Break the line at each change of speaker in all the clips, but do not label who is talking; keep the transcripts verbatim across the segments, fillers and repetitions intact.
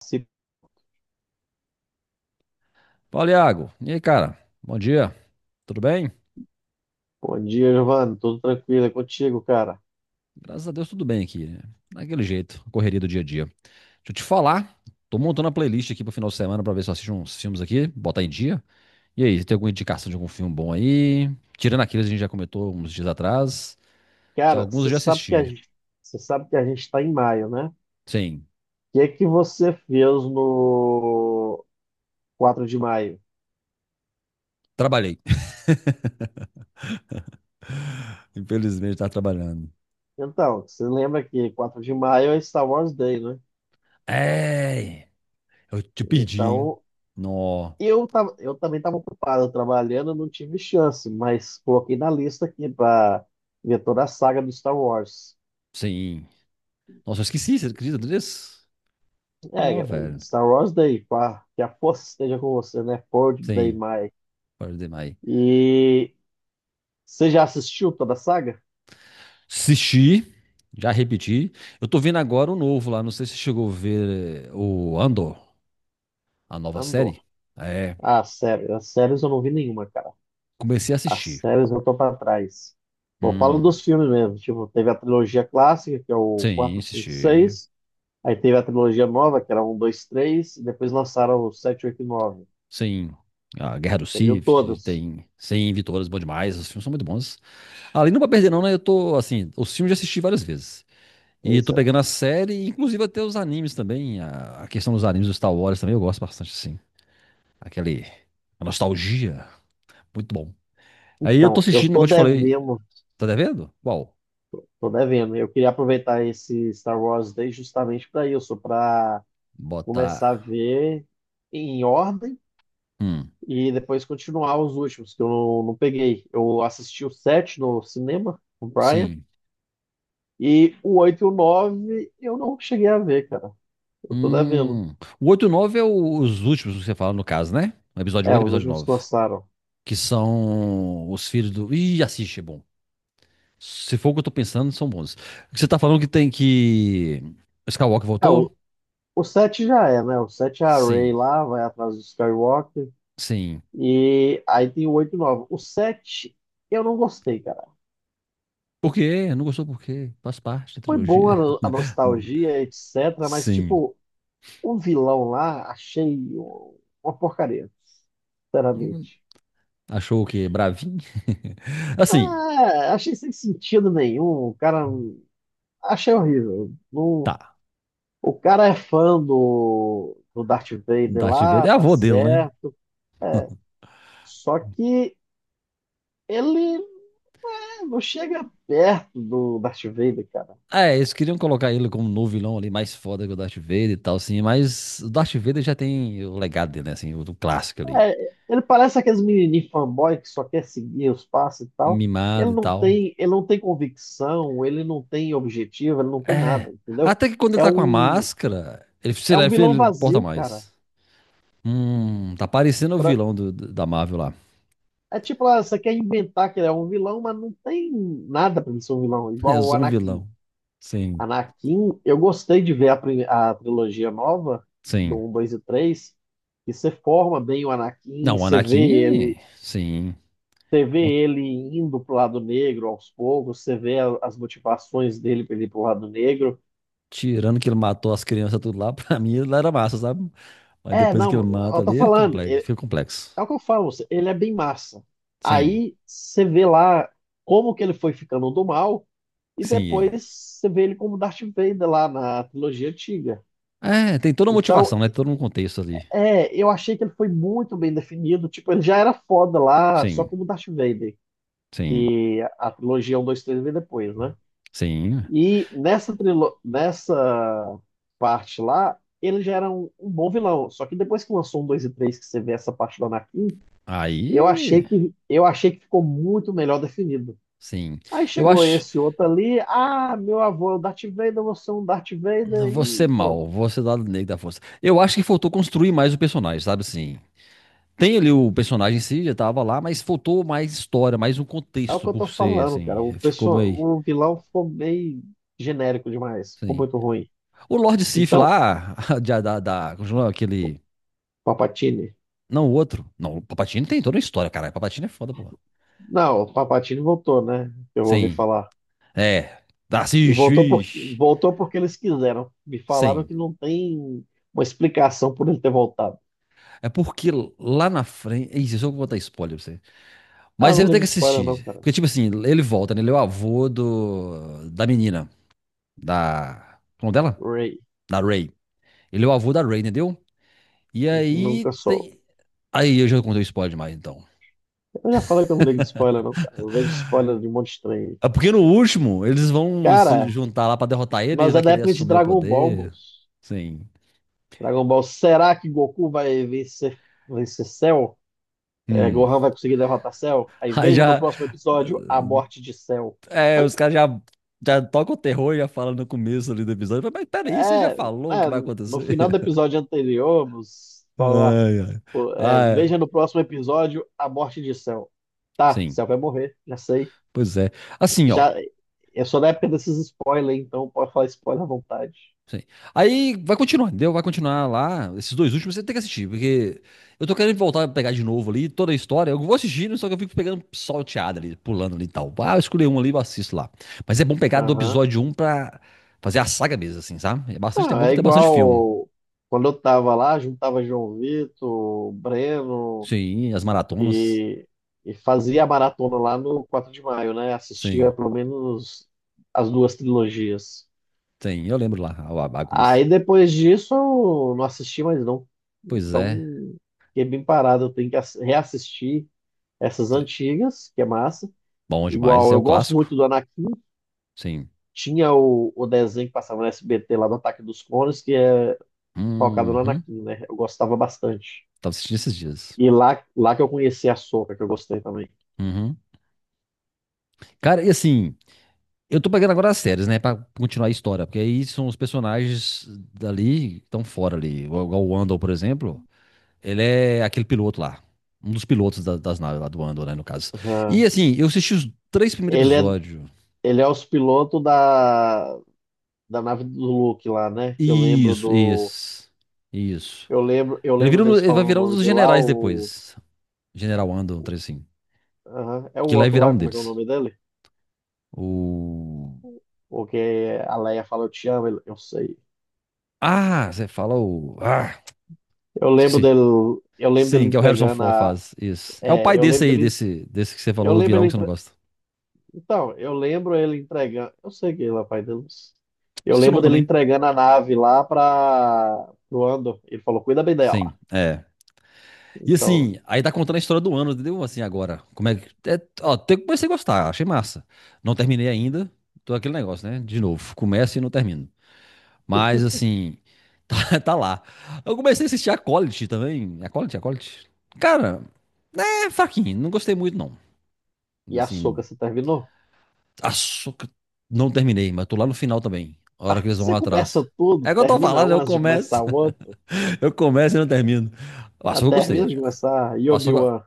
Se-
Fala, Iago. E aí, cara? Bom dia. Tudo bem?
Bom dia, Giovanni. Tudo tranquilo, é contigo, cara.
Graças a Deus, tudo bem aqui, né? Daquele jeito, correria do dia a dia. Deixa eu te falar. Tô montando a playlist aqui pro final de semana pra ver se eu assisto uns filmes aqui, botar em dia. E aí, você tem alguma indicação de algum filme bom aí? Tirando aqueles que a gente já comentou uns dias atrás, que
Cara,
alguns eu
você
já
sabe que a
assisti.
gente, você sabe que a gente está em maio, né? O
Sim,
que é que você fez no quatro de maio?
trabalhei. Infelizmente, tá trabalhando.
Então, você lembra que quatro de maio é Star Wars Day, né?
É, eu te perdi, hein?
Então,
Nó,
eu tava, eu também estava ocupado trabalhando, não tive chance, mas coloquei na lista aqui para ver toda a saga do Star Wars.
sim. Nossa, eu esqueci, você acredita nisso?
É,
Nó,
galera,
velho.
Star Wars Day, pá, que a força esteja com você, né? quatro Day
Sim,
Maio.
pode demais.
E você já assistiu toda a saga?
Assisti, já repeti. Eu tô vendo agora o novo lá. Não sei se você chegou a ver eh, o Andor, a nova
Andor.
série. É,
Ah, sério. As séries eu não vi nenhuma, cara.
comecei a
As
assistir.
séries eu tô pra trás. Bom, falo
Hum,
dos filmes mesmo. Tipo, teve a trilogia clássica, que é o
sim,
quatro, cinco,
assisti.
seis. Aí teve a trilogia nova, que era um, dois, três. E depois lançaram o sete, oito e nove.
Sim. A Guerra do
Você viu
Sith,
todos?
tem cem vitórias, bom demais. Os filmes são muito bons. Ali não pra perder, não, né? Eu tô, assim, os filmes já assisti várias vezes. E
Pois
tô
é.
pegando a série, inclusive até os animes também. A, a questão dos animes do Star Wars também eu gosto bastante, assim. Aquele. A nostalgia. Muito bom. Aí eu tô
Então, eu
assistindo,
tô
igual eu te falei.
devendo.
Tá devendo? Qual?
Tô devendo. Eu queria aproveitar esse Star Wars Day justamente para isso, para
Botar.
começar a ver em ordem
Hum,
e depois continuar os últimos, que eu não, não peguei. Eu assisti o sete no cinema, com o Brian,
sim.
e o oito e o nove eu não cheguei a ver, cara. Eu tô devendo.
Hum. O oito e o nove é o- os últimos que você fala, no caso, né? O episódio
É,
oito e o
os
episódio
últimos que
nove.
lançaram.
Que são os filhos do. Ih, assiste, é bom. Se for o que eu tô pensando, são bons. O que você tá falando que tem que. Skywalker
É,
voltou?
o, o sete já é, né? O sete é a Rey
Sim,
lá, vai atrás do Skywalker,
sim.
e aí tem o oito e o nove. O sete eu não gostei, cara.
Por quê? Não gostou por quê? Faz parte da
Foi bom a,
trilogia.
no- a nostalgia, etc, mas,
Sim.
tipo, o vilão lá achei um, uma porcaria, sinceramente.
Achou o quê? Bravinho? Assim,
Ah, achei sem sentido nenhum. O cara. Achei horrível. Não-
tá.
o cara é fã do, do Darth Vader
Darth Vader
lá,
é
tá
avô dele, né?
certo. É, só que ele, né, não chega perto do Darth Vader, cara.
É, eles queriam colocar ele como novo vilão ali, mais foda que o Darth Vader e tal, assim, mas o Darth Vader já tem o legado dele, né, assim, o do clássico ali,
É, ele parece aqueles menininhos fanboy que só quer seguir os passos e tal.
mimado
Ele
e
não
tal.
tem, ele não tem convicção, ele não tem objetivo, ele não tem
É,
nada, entendeu?
até que quando ele
É
tá com a
um,
máscara, ele, sei
é
lá,
um vilão
ele porta
vazio, cara.
mais. Hum, tá parecendo o vilão do- do- da Marvel lá.
É tipo lá, você quer inventar que ele é um vilão, mas não tem nada pra ele ser um vilão,
É
igual o
só um
Anakin.
vilão. Sim,
Anakin, eu gostei de ver a, prime- a trilogia nova, do
sim.
um, dois e três. E você forma bem o Anakin, e
Não, o
você vê
Anakin,
ele,
sim.
você vê
Com-
ele indo pro lado negro aos poucos, você vê a- as motivações dele pra ele ir pro lado negro.
Tirando que ele matou as crianças tudo lá, pra mim ele era massa, sabe? Mas
É,
depois que ele
não,
mata
eu tô
ali, fica
falando,
complexo.
é,
Fica complexo.
é o que eu falo, ele é bem massa.
Sim.
Aí você vê lá como que ele foi ficando do mal. E
Sim,
depois você vê ele como Darth Vader lá na trilogia antiga.
é, tem toda a motivação,
Então,
né? Todo um contexto ali.
é, eu achei que ele foi muito bem definido. Tipo, ele já era foda lá, só
Sim,
como Darth Vader.
sim,
Que a trilogia um dois três veio depois, né?
sim.
E nessa, trilo nessa parte lá, ele já era um, um bom vilão. Só que depois que lançou um dois e três que você vê essa parte do Anakin, eu achei
Aí,
que, eu achei que ficou muito melhor definido.
sim.
Aí
Eu
chegou
acho.
esse outro ali, ah, meu avô é o Darth Vader, você é um Darth Vader
Você
e pronto.
mal, você lado negro da força. Eu acho que faltou construir mais o personagem, sabe assim? Tem ali o personagem em si, já tava lá, mas faltou mais história, mais um
É o que
contexto
eu tô
por ser,
falando,
assim.
cara. O
Ficou
pessoal,
meio.
o vilão ficou meio genérico demais, ficou
Sim.
muito ruim.
O Lord Sif
Então,
lá, da, da, da. Como chama aquele.
Papatini.
Não, o outro. Não, o Palpatine tem toda a história, caralho. Palpatine é foda, porra.
Não, o Papatini voltou, né? Eu ouvi
Sim.
falar.
É.
E
Assiste,
voltou por
ixi.
voltou porque eles quiseram. Me falaram
Sim.
que não tem uma explicação por ele ter voltado.
É porque lá na frente. Ih, eu só vou botar spoiler pra você.
Ah,
Mas
eu
você
não
vai ter
ligo
que
de spoiler não,
assistir.
cara.
Porque, tipo assim, ele volta, né? Ele é o avô do... da menina. Da. Como dela?
Ray,
Da Ray. Ele é o avô da Ray, entendeu? E aí
nunca soube.
tem. Aí eu já contei o spoiler demais, então.
Eu já falei que eu não ligo de spoiler não, cara. Eu vejo spoiler de um monte de estranho.
É porque no último, eles vão se
Cara,
juntar lá pra derrotar ele, ele
nós
vai
é da
querer
época de
assumir o
Dragon Ball,
poder.
moço.
Sim.
Dragon Ball, será que Goku vai vencer, vencer Cell? É,
Hum.
Gohan vai conseguir derrotar Cell? Aí
Aí
veja no
já.
próximo episódio a morte de Cell.
É, os caras já, já tocam o terror e já falam no começo ali do episódio. Mas peraí, você já
É,
falou o que
é,
vai
no
acontecer?
final do episódio anterior, moço, fala lá,
Ai,
pô,
ai.
é,
Ah,
veja no próximo episódio a morte de Cell. Tá,
sim.
Cell vai morrer, já sei.
Pois é. Assim, ó.
Já, eu sou da época desses spoilers, então pode falar spoiler à vontade.
Sim. Aí vai continuar, entendeu? Vai continuar lá. Esses dois últimos você tem que assistir, porque eu tô querendo voltar a pegar de novo ali toda a história. Eu vou assistindo, só que eu fico pegando salteada ali, pulando ali e tal. Ah, eu escolhi um ali, eu assisto lá. Mas é bom pegar do
Aham.
episódio um pra fazer a saga mesmo, assim, sabe? É bastante, é
Não,
bom que
é
tem bastante filme.
igual quando eu tava lá, juntava João Vitor, Breno
Sim, as maratonas.
e, e fazia a maratona lá no quatro de maio, né? Assistia
Sim,
pelo menos as duas trilogias.
sim. Eu lembro lá, a a bagunça.
Aí depois disso eu não assisti mais não.
Pois é.
Então fiquei bem parado, eu tenho que ass- reassistir essas
Sim.
antigas, que é massa.
Bom demais.
Igual
É
eu
o
gosto
clássico.
muito do Anakin.
Sim.
Tinha o, o desenho que passava no S B T lá do Ataque dos Clones, que é focado no
Uhum.
Anakin, né? Eu gostava bastante.
Tava assistindo esses dias.
E lá, lá que eu conheci a Sokka, que eu gostei também.
Uhum. Cara, e assim, eu tô pegando agora as séries, né? Pra continuar a história. Porque aí são os personagens dali que estão fora ali. Igual igual o Andor, por exemplo. Ele é aquele piloto lá. Um dos pilotos da- das naves lá do Andor, né? No caso. E
Aham.
assim, eu assisti os três primeiros
Ele é,
episódios.
ele é os pilotos da, da nave do Luke lá, né? Que eu lembro
Isso,
do.
isso. Isso.
Eu lembro, eu
Ele,
lembro
vira um-
deles
ele vai
falando o
virar um
nome
dos
dele lá,
generais
o.
depois. General Andor, um trem assim.
Aham, é o
Que lá vai
outro
virar
lá,
um
como é que é o
deles.
nome dele?
O.
O que a Leia fala, eu te amo, ele, eu sei.
Ah, você fala o. Ah,
Eu lembro
esqueci.
dele, eu lembro dele
Sim, que é o Harrison
entregando
Ford
a.
faz. Isso. É o pai
é, eu
desse
lembro
aí,
dele,
desse, desse que você falou,
eu
do
lembro
vilão que
ele
você não gosta.
Então, eu lembro ele entregando. Eu sei que ele é o pai deles. Eu
Esqueci o
lembro
nome
dele
também.
entregando a nave lá para o Andor. Ele falou: cuida bem dela.
Sim, é. E
Então,
assim, aí tá contando a história do ano, entendeu? Assim, agora. Como é que. É, ó, até que comecei a gostar, achei massa. Não terminei ainda. Tô aquele negócio, né? De novo. Começo e não termino. Mas assim, tá, tá lá. Eu comecei a assistir a College também. É A College, a College. Cara, é fraquinho. Não gostei muito, não.
e a Sokka,
Assim,
você terminou?
Açúcar. Não terminei, mas tô lá no final também. A hora
Ah,
que eles vão
você
lá
começa
atrás.
tudo,
É que eu tô
termina
falando,
um
eu
antes de
começo,
começar o outro.
eu começo e não termino. O
Ah,
açúcar eu
termina
gostei.
de começar. E
O açúcar.
Obi-Wan?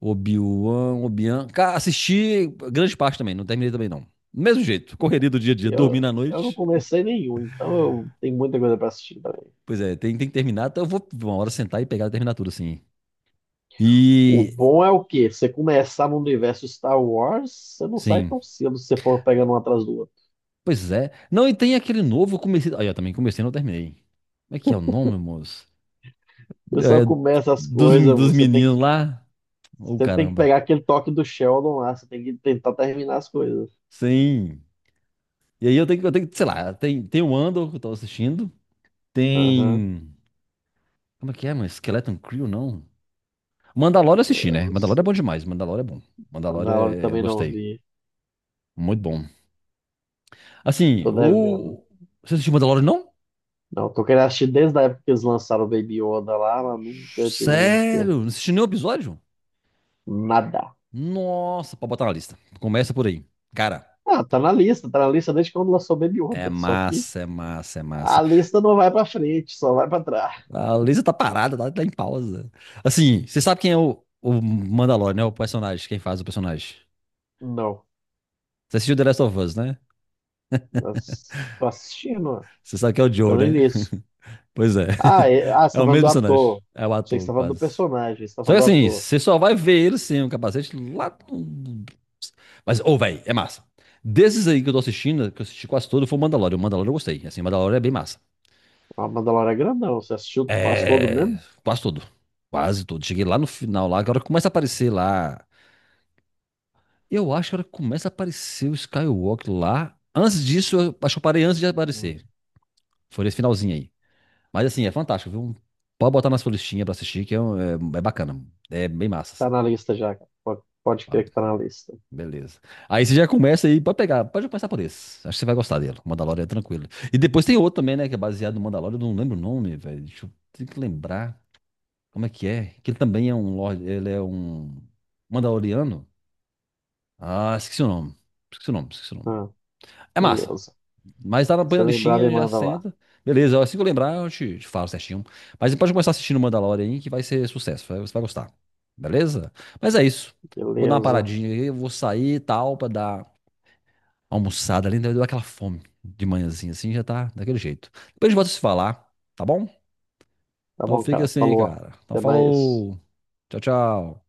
Obi-Wan, Obi-Wan. Cara, assisti grande parte também, não terminei também não. Do mesmo jeito, correria do dia a dia, dormindo à
Eu, eu não
noite.
comecei nenhum, então eu tenho muita coisa para assistir também.
Pois é, tem, tem que terminar, então eu vou uma hora sentar e pegar e terminar tudo assim.
O
E.
bom é o quê? Você começar no universo Star Wars, você não sai
Sim.
tão cedo se você for pegando um atrás do outro.
Pois é. Não, e tem aquele novo, eu comecei. Aí, eu também comecei e não terminei. Como é que é o nome, moço?
Você só
É,
começa as
dos,
coisas,
dos
você tem
meninos lá. Ô,
Você tem que
caramba.
pegar aquele toque do Sheldon lá, você tem que tentar terminar as coisas.
Sim. E aí eu tenho que, eu tenho que, sei lá, tem, tem o Andor que eu tô assistindo,
Aham,
tem... Como é que é, mano? Skeleton Crew, não? Mandalorian eu assisti,
eu
né?
não
Mandalorian é
sei.
bom demais, Mandalorian é bom.
A
Mandalorian
da
é- eu
também não
gostei.
vi.
Muito bom. Assim,
Tô devendo.
o... Você assistiu Mandalorian, não?
Não, tô querendo assistir desde a época que eles lançaram o Baby Yoda lá, mas nunca tive tempo.
Sério? Não assistiu nenhum episódio?
Nada.
Nossa, pra botar na lista. Começa por aí. Cara,
Ah, tá na lista, tá na lista desde quando lançou o Baby
é
Yoda. Só que
massa, é massa, é
a
massa.
lista não vai pra frente, só vai pra trás.
A Lisa tá parada, tá, tá em pausa. Assim, você sabe quem é o, o Mandalorian, né? O personagem, quem faz o personagem.
Não.
Você assistiu The Last of Us, né?
Mas tô assistindo, ó.
Você sabe que é o
Tô
Joe,
no
né?
início.
Pois é.
Ah, é- ah, você
É
tá
o
falando
mesmo
do
personagem.
ator.
É o
Achei que você
ator,
tá falando do
quase.
personagem, você tá
Só
falando
que
do
assim,
ator.
você só vai ver ele sem o capacete lá. No- Mas, ô, véi, é massa. Desses aí que eu tô assistindo, que eu assisti quase todo, foi o Mandalorian. O Mandalorian eu gostei. Assim, o Mandalorian é bem massa.
A Mandalorian é grandão, você assistiu quase todo
É,
mesmo?
quase todo. Quase todo. Cheguei lá no final, lá, agora começa a aparecer lá. Eu acho que a hora que começa a aparecer o Skywalker lá. Antes disso, eu acho que eu parei antes de
Hum.
aparecer. Foi nesse finalzinho aí. Mas assim, é fantástico, viu? Pode botar na sua listinha pra assistir, que é, um- é, é bacana. É bem massa,
Tá
assim.
na lista já, cara. Pode, pode
Ah,
crer que tá na lista.
beleza. Aí você já começa aí, pode pegar, pode começar por esse. Acho que você vai gostar dele. O Mandalorian é tranquilo. E depois tem outro também, né? Que é baseado no Mandalorian, eu não lembro o nome, velho. Deixa eu tenho que lembrar como é que é. Que ele também é um Lorde, ele é um Mandaloriano. Ah, esqueci o nome. Esqueci o nome, esqueci o nome.
Ah,
É massa.
beleza.
Mas tá na põe
Se
na
lembrar, me
listinha, já
manda lá.
senta. Beleza, assim que eu lembrar, eu te, te falo certinho. Mas você pode começar assistindo o Mandalorian aí, que vai ser sucesso. vai- Você vai gostar. Beleza? Mas é isso. Vou dar uma
Beleza.
paradinha aí, vou sair e tal, pra dar uma almoçada ali. Né? Deu aquela fome de manhãzinha assim, já tá daquele jeito. Depois a gente volta a se falar, tá bom?
Tá
Então
bom,
fica
cara.
assim,
Falou.
cara. Então
Até mais.
falou. Tchau, tchau.